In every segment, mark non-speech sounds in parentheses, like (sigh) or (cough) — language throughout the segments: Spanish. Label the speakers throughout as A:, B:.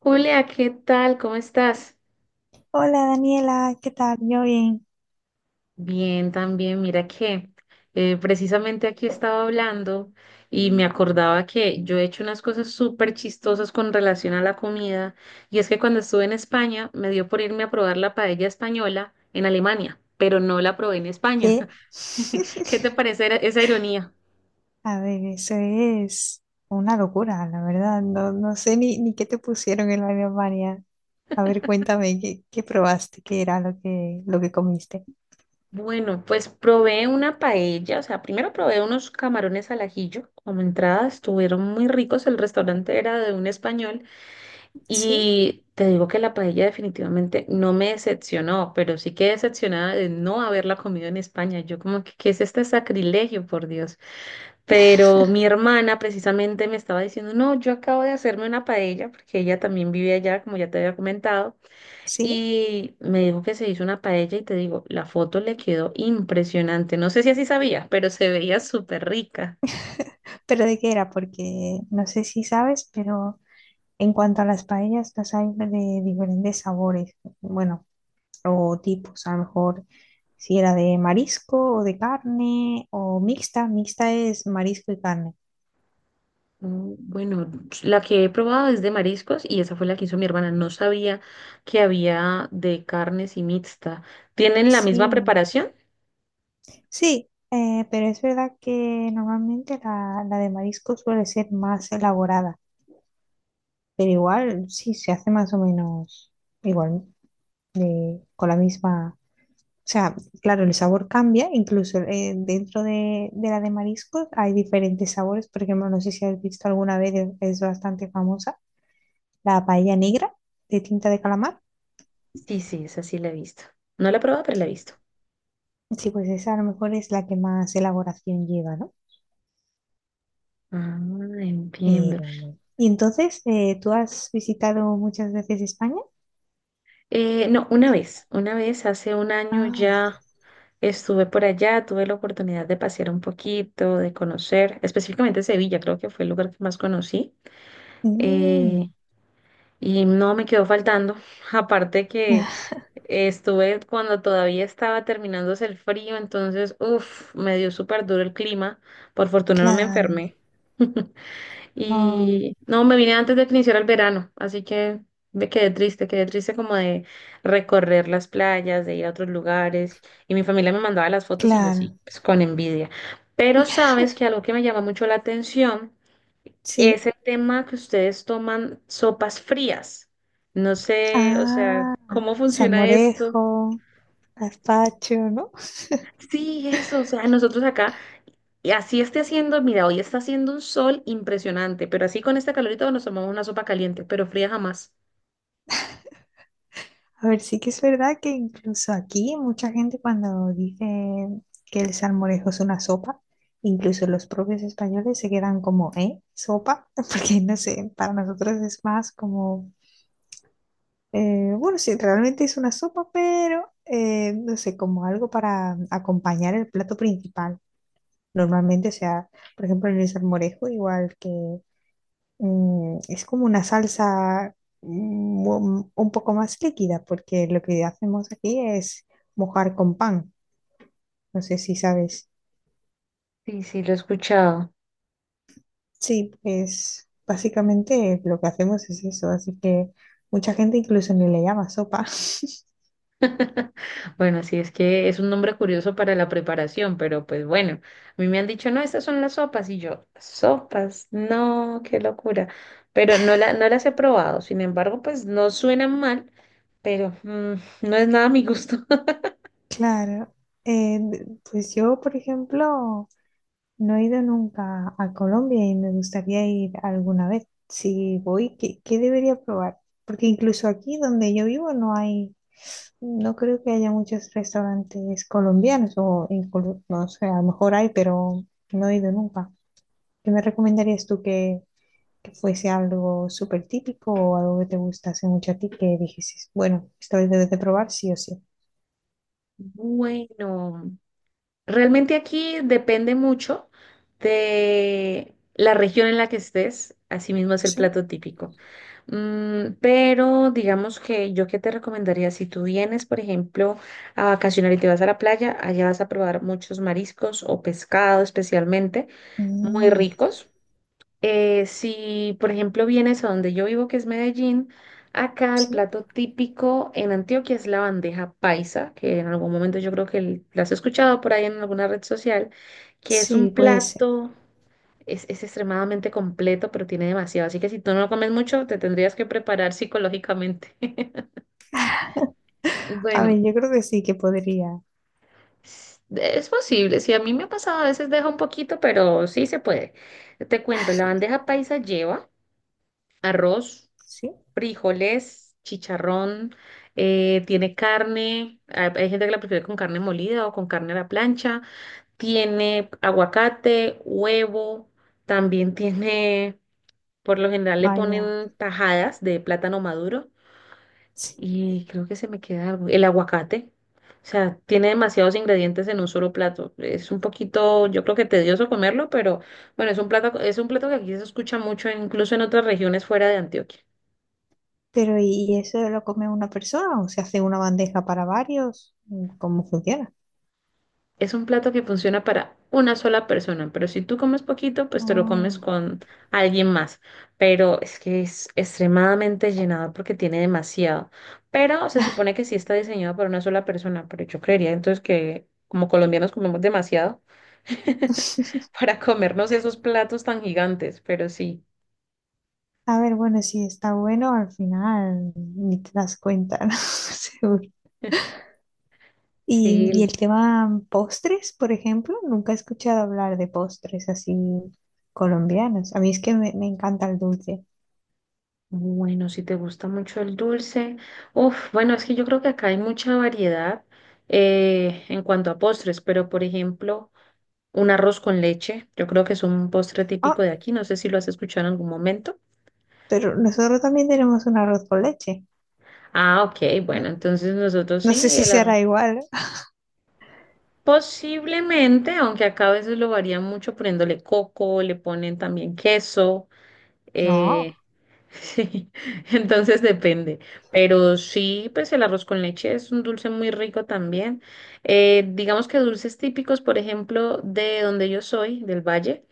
A: Julia, ¿qué tal? ¿Cómo estás?
B: Hola Daniela, ¿qué tal? Yo bien.
A: Bien, también. Mira que precisamente aquí estaba hablando y me acordaba que yo he hecho unas cosas súper chistosas con relación a la comida. Y es que cuando estuve en España me dio por irme a probar la paella española en Alemania, pero no la probé en España.
B: ¿Qué?
A: (laughs) ¿Qué te
B: (laughs)
A: parece esa ironía?
B: A ver, eso es una locura, la verdad. No, no sé ni qué te pusieron en la Alemania. A ver, cuéntame, ¿qué probaste? ¿Qué era lo que comiste?
A: Bueno, pues probé una paella, o sea, primero probé unos camarones al ajillo como entrada, estuvieron muy ricos, el restaurante era de un español.
B: Sí,
A: Y te digo que la paella definitivamente no me decepcionó, pero sí quedé decepcionada de no haberla comido en España. Yo como que, ¿qué es este sacrilegio, por Dios? Pero mi hermana precisamente me estaba diciendo, no, yo acabo de hacerme una paella, porque ella también vive allá, como ya te había comentado,
B: sí.
A: y me dijo que se hizo una paella y te digo, la foto le quedó impresionante. No sé si así sabías, pero se veía súper rica.
B: ¿Pero de qué era? Porque no sé si sabes, pero en cuanto a las paellas, las hay de diferentes sabores. Bueno, o tipos, a lo mejor si era de marisco o de carne o mixta, mixta es marisco y carne.
A: Mm, bueno, la que he probado es de mariscos y esa fue la que hizo mi hermana. No sabía que había de carnes y mixta. ¿Tienen la misma
B: Sí,
A: preparación?
B: sí, pero es verdad que normalmente la de marisco suele ser más elaborada, pero igual sí se hace más o menos igual, con la misma... O sea, claro, el sabor cambia, incluso dentro de la de mariscos hay diferentes sabores. Por ejemplo, no sé si has visto alguna vez, es bastante famosa la paella negra de tinta de calamar.
A: Sí, sí, esa sí la he visto. No la he probado, pero la he visto.
B: Sí, pues esa a lo mejor es la que más elaboración lleva, ¿no?
A: Ah, entiendo.
B: Pero bueno. Y entonces, ¿tú has visitado muchas veces España?
A: No, una vez, hace un año
B: Ah, vale.
A: ya estuve por allá, tuve la oportunidad de pasear un poquito, de conocer, específicamente Sevilla, creo que fue el lugar que más conocí.
B: Mm,
A: Eh, Y no me quedó faltando. (laughs) Aparte que
B: ah,
A: estuve cuando todavía estaba terminándose el frío, entonces, uff, me dio súper duro el clima. Por fortuna no me
B: claro.
A: enfermé. (laughs)
B: Ah,
A: Y no, me vine antes de que iniciara el verano, así que me quedé triste como de recorrer las playas, de ir a otros lugares. Y mi familia me mandaba las fotos y yo así,
B: claro.
A: pues con envidia. Pero sabes que algo que me llama mucho la atención
B: Sí.
A: es el tema que ustedes toman sopas frías. No sé, o sea,
B: Ah,
A: ¿cómo funciona esto?
B: salmorejo, gazpacho, ¿no? (laughs)
A: Sí, eso, o sea, nosotros acá, y así esté haciendo, mira, hoy está haciendo un sol impresionante, pero así con este calorito nos tomamos una sopa caliente, pero fría jamás.
B: A ver, sí que es verdad que incluso aquí mucha gente cuando dice que el salmorejo es una sopa, incluso los propios españoles se quedan como, ¿eh? ¿Sopa? (laughs) Porque no sé, para nosotros es más como, bueno, sí, realmente es una sopa, pero no sé, como algo para acompañar el plato principal. Normalmente, o sea, por ejemplo, en el salmorejo, igual que es como una salsa un poco más líquida, porque lo que hacemos aquí es mojar con pan. No sé si sabes.
A: Sí, sí, lo he escuchado.
B: Sí, pues básicamente lo que hacemos es eso, así que mucha gente incluso ni le llama sopa. (laughs)
A: (laughs) Bueno, sí, es que es un nombre curioso para la preparación, pero pues bueno, a mí me han dicho, no, estas son las sopas, y yo, sopas, no, qué locura, pero no, la, no las he probado, sin embargo, pues no suenan mal, pero mm, no es nada a mi gusto. (laughs)
B: Claro, pues yo, por ejemplo, no he ido nunca a Colombia y me gustaría ir alguna vez. Si voy, ¿qué debería probar? Porque incluso aquí donde yo vivo no hay. No creo que haya muchos restaurantes colombianos o en no sé, a lo mejor hay, pero no he ido nunca. ¿Qué me recomendarías tú que fuese algo súper típico o algo que te gustase mucho a ti que dijeses, bueno, esta vez debes de probar sí o sí?
A: Bueno, realmente aquí depende mucho de la región en la que estés, asimismo es el
B: Sí.
A: plato típico. Mm, pero digamos que yo qué te recomendaría, si tú vienes, por ejemplo, a vacacionar y te vas a la playa, allá vas a probar muchos mariscos o pescado especialmente, muy
B: Mm,
A: ricos. Si, por ejemplo, vienes a donde yo vivo, que es Medellín, acá el
B: sí,
A: plato típico en Antioquia es la bandeja paisa, que en algún momento yo creo que la has escuchado por ahí en alguna red social, que es un
B: sí, puede ser.
A: plato, es extremadamente completo, pero tiene demasiado. Así que si tú no lo comes mucho, te tendrías que preparar psicológicamente. (laughs)
B: A
A: Bueno,
B: ver, yo creo que sí que podría.
A: es posible. Si a mí me ha pasado, a veces deja un poquito, pero sí se puede. Te cuento, la bandeja paisa lleva arroz,
B: Sí,
A: frijoles, chicharrón, tiene carne, hay gente que la prefiere con carne molida o con carne a la plancha, tiene aguacate, huevo, también tiene, por lo general le
B: vaya,
A: ponen tajadas de plátano maduro
B: sí.
A: y creo que se me queda algo, el aguacate. O sea, tiene demasiados ingredientes en un solo plato. Es un poquito, yo creo que tedioso comerlo, pero bueno, es un plato que aquí se escucha mucho, incluso en otras regiones fuera de Antioquia.
B: Pero ¿y eso lo come una persona o se hace una bandeja para varios? ¿Cómo funciona?
A: Es un plato que funciona para una sola persona, pero si tú comes poquito, pues te lo comes
B: Oh.
A: con alguien más. Pero es que es extremadamente llenador porque tiene demasiado. Pero se supone que sí está diseñado para una sola persona, pero yo creería entonces que como colombianos comemos demasiado (laughs) para comernos esos platos tan gigantes, pero sí.
B: A ver, bueno, si está bueno, al final ni te das cuenta, (laughs) ¿no? Seguro.
A: (laughs)
B: Y,
A: Sí,
B: y el tema postres, por ejemplo, nunca he escuchado hablar de postres así colombianos. A mí es que me encanta el dulce.
A: bueno, si te gusta mucho el dulce. Uf, bueno, es que yo creo que acá hay mucha variedad en cuanto a postres, pero por ejemplo... Un arroz con leche, yo creo que es un postre típico
B: Ah,
A: de aquí, no sé si lo has escuchado en algún momento.
B: pero nosotros también tenemos un arroz con leche.
A: Ah, ok, bueno,
B: No
A: entonces nosotros
B: no
A: sí,
B: sé si
A: el arroz.
B: será igual. (laughs)
A: Posiblemente, aunque acá a veces lo varían mucho poniéndole coco, le ponen también queso.
B: No,
A: Eh, (laughs) sí, entonces depende. Pero sí, pues el arroz con leche es un dulce muy rico también. Digamos que dulces típicos, por ejemplo, de donde yo soy, del Valle,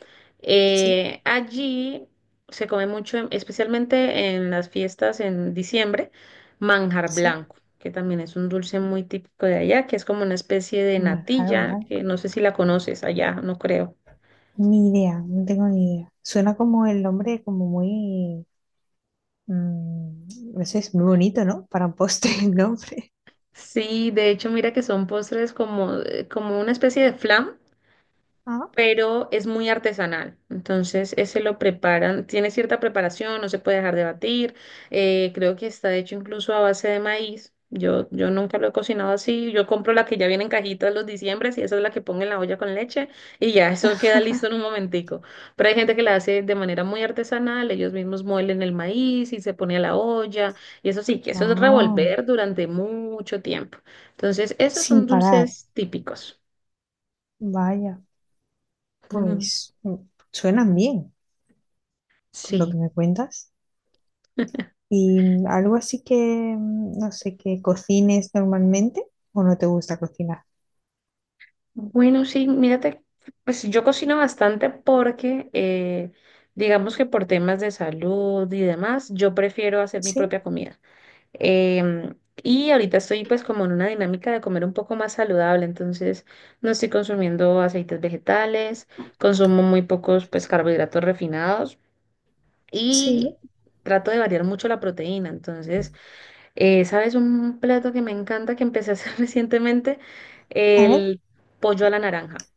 B: sí,
A: allí se come mucho, especialmente en las fiestas en diciembre, manjar
B: sí.
A: blanco, que también es un dulce muy típico de allá, que es como una especie de
B: Manjar
A: natilla, que
B: blanco.
A: no sé si la conoces allá, no creo.
B: Ni idea, no tengo ni idea. Suena como el nombre, como muy... no sé, es muy bonito, ¿no? Para un postre (laughs) el nombre.
A: Sí, de hecho, mira que son postres como, como una especie de flan,
B: Ah,
A: pero es muy artesanal. Entonces, ese lo preparan, tiene cierta preparación, no se puede dejar de batir. Creo que está hecho incluso a base de maíz. Yo nunca lo he cocinado así. Yo compro la que ya viene en cajitas los diciembres y esa es la que pongo en la olla con leche y ya (laughs) eso queda listo en un
B: (laughs)
A: momentico. Pero hay gente que la hace de manera muy artesanal, ellos mismos muelen el maíz y se pone a la olla y eso sí, que eso es
B: ah,
A: revolver durante mucho tiempo. Entonces, esos son
B: sin parar.
A: dulces típicos.
B: Vaya,
A: (laughs) Ujú.
B: pues suenan bien, por lo que
A: Sí.
B: me cuentas. ¿Y algo así que, no sé, que cocines normalmente o no te gusta cocinar?
A: Bueno, sí, mírate, pues yo cocino bastante porque, digamos que por temas de salud y demás, yo prefiero hacer mi
B: Sí,
A: propia comida. Em, y ahorita estoy pues como en una dinámica de comer un poco más saludable, entonces no estoy consumiendo aceites vegetales, consumo muy pocos pues carbohidratos refinados
B: sí.
A: y trato de variar mucho la proteína. Entonces, ¿sabes un plato que me encanta que empecé a hacer (laughs) recientemente?
B: A ver,
A: El pollo a la naranja.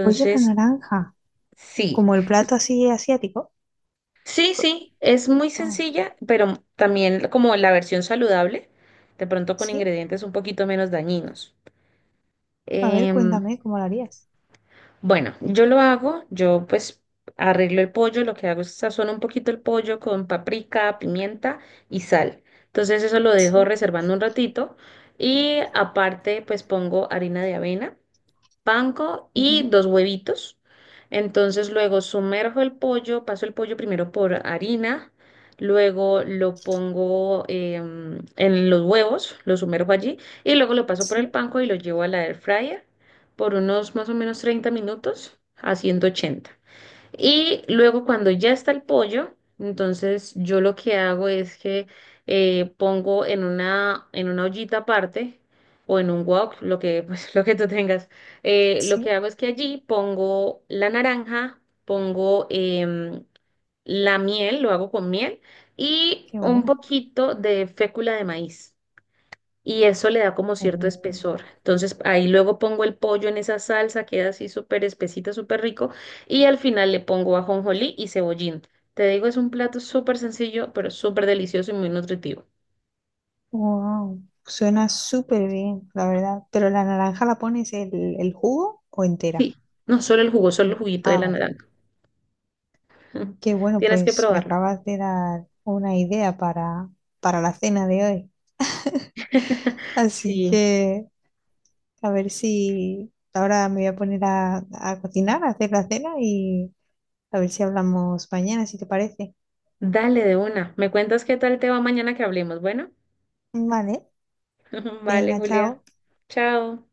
B: pollo a la naranja,
A: sí.
B: como el plato así asiático.
A: Sí,
B: Co-
A: sí, es muy
B: oh,
A: sencilla, pero también como la versión saludable, de pronto con
B: sí,
A: ingredientes un poquito menos dañinos.
B: a ver,
A: Em,
B: cuéntame cómo lo harías.
A: bueno, yo lo hago, yo pues arreglo el pollo, lo que hago es sazono un poquito el pollo con paprika, pimienta y sal. Entonces eso lo dejo
B: Sí,
A: reservando un ratito y aparte pues pongo harina de avena, panko y
B: ujú,
A: dos huevitos. Entonces luego sumerjo el pollo, paso el pollo primero por harina, luego lo pongo en los huevos, lo sumerjo allí y luego lo paso por
B: sí,
A: el panko y lo llevo a la air fryer por unos más o menos 30 minutos a 180. Y luego cuando ya está el pollo, entonces yo lo que hago es que pongo en una ollita aparte o en un wok, lo que, pues, (laughs) lo que tú tengas. Lo que
B: sí,
A: hago es que allí pongo la naranja, pongo la miel, lo hago con miel y
B: qué
A: un
B: bueno.
A: poquito de fécula de maíz y eso le da como cierto espesor. Entonces ahí luego pongo el pollo en esa salsa, queda así súper espesita, súper rico, y al final le pongo ajonjolí y cebollín. Te digo, es un plato súper sencillo, pero súper delicioso y muy nutritivo.
B: Wow, suena súper bien, la verdad. Pero la naranja la pones el jugo o entera.
A: Sí, no solo el jugo, solo el juguito de
B: Ah,
A: la
B: vale.
A: naranja. (laughs)
B: Qué bueno,
A: Tienes que
B: pues me
A: probarlo.
B: acabas de dar una idea para la cena de hoy.
A: (laughs)
B: Así
A: Sí,
B: que a ver si ahora me voy a poner a cocinar, a hacer la cena y a ver si hablamos mañana, si te parece.
A: dale de una. Me cuentas qué tal te va mañana que hablemos. Bueno,
B: Vale,
A: (laughs) vale,
B: venga,
A: Julia.
B: chao.
A: Chao.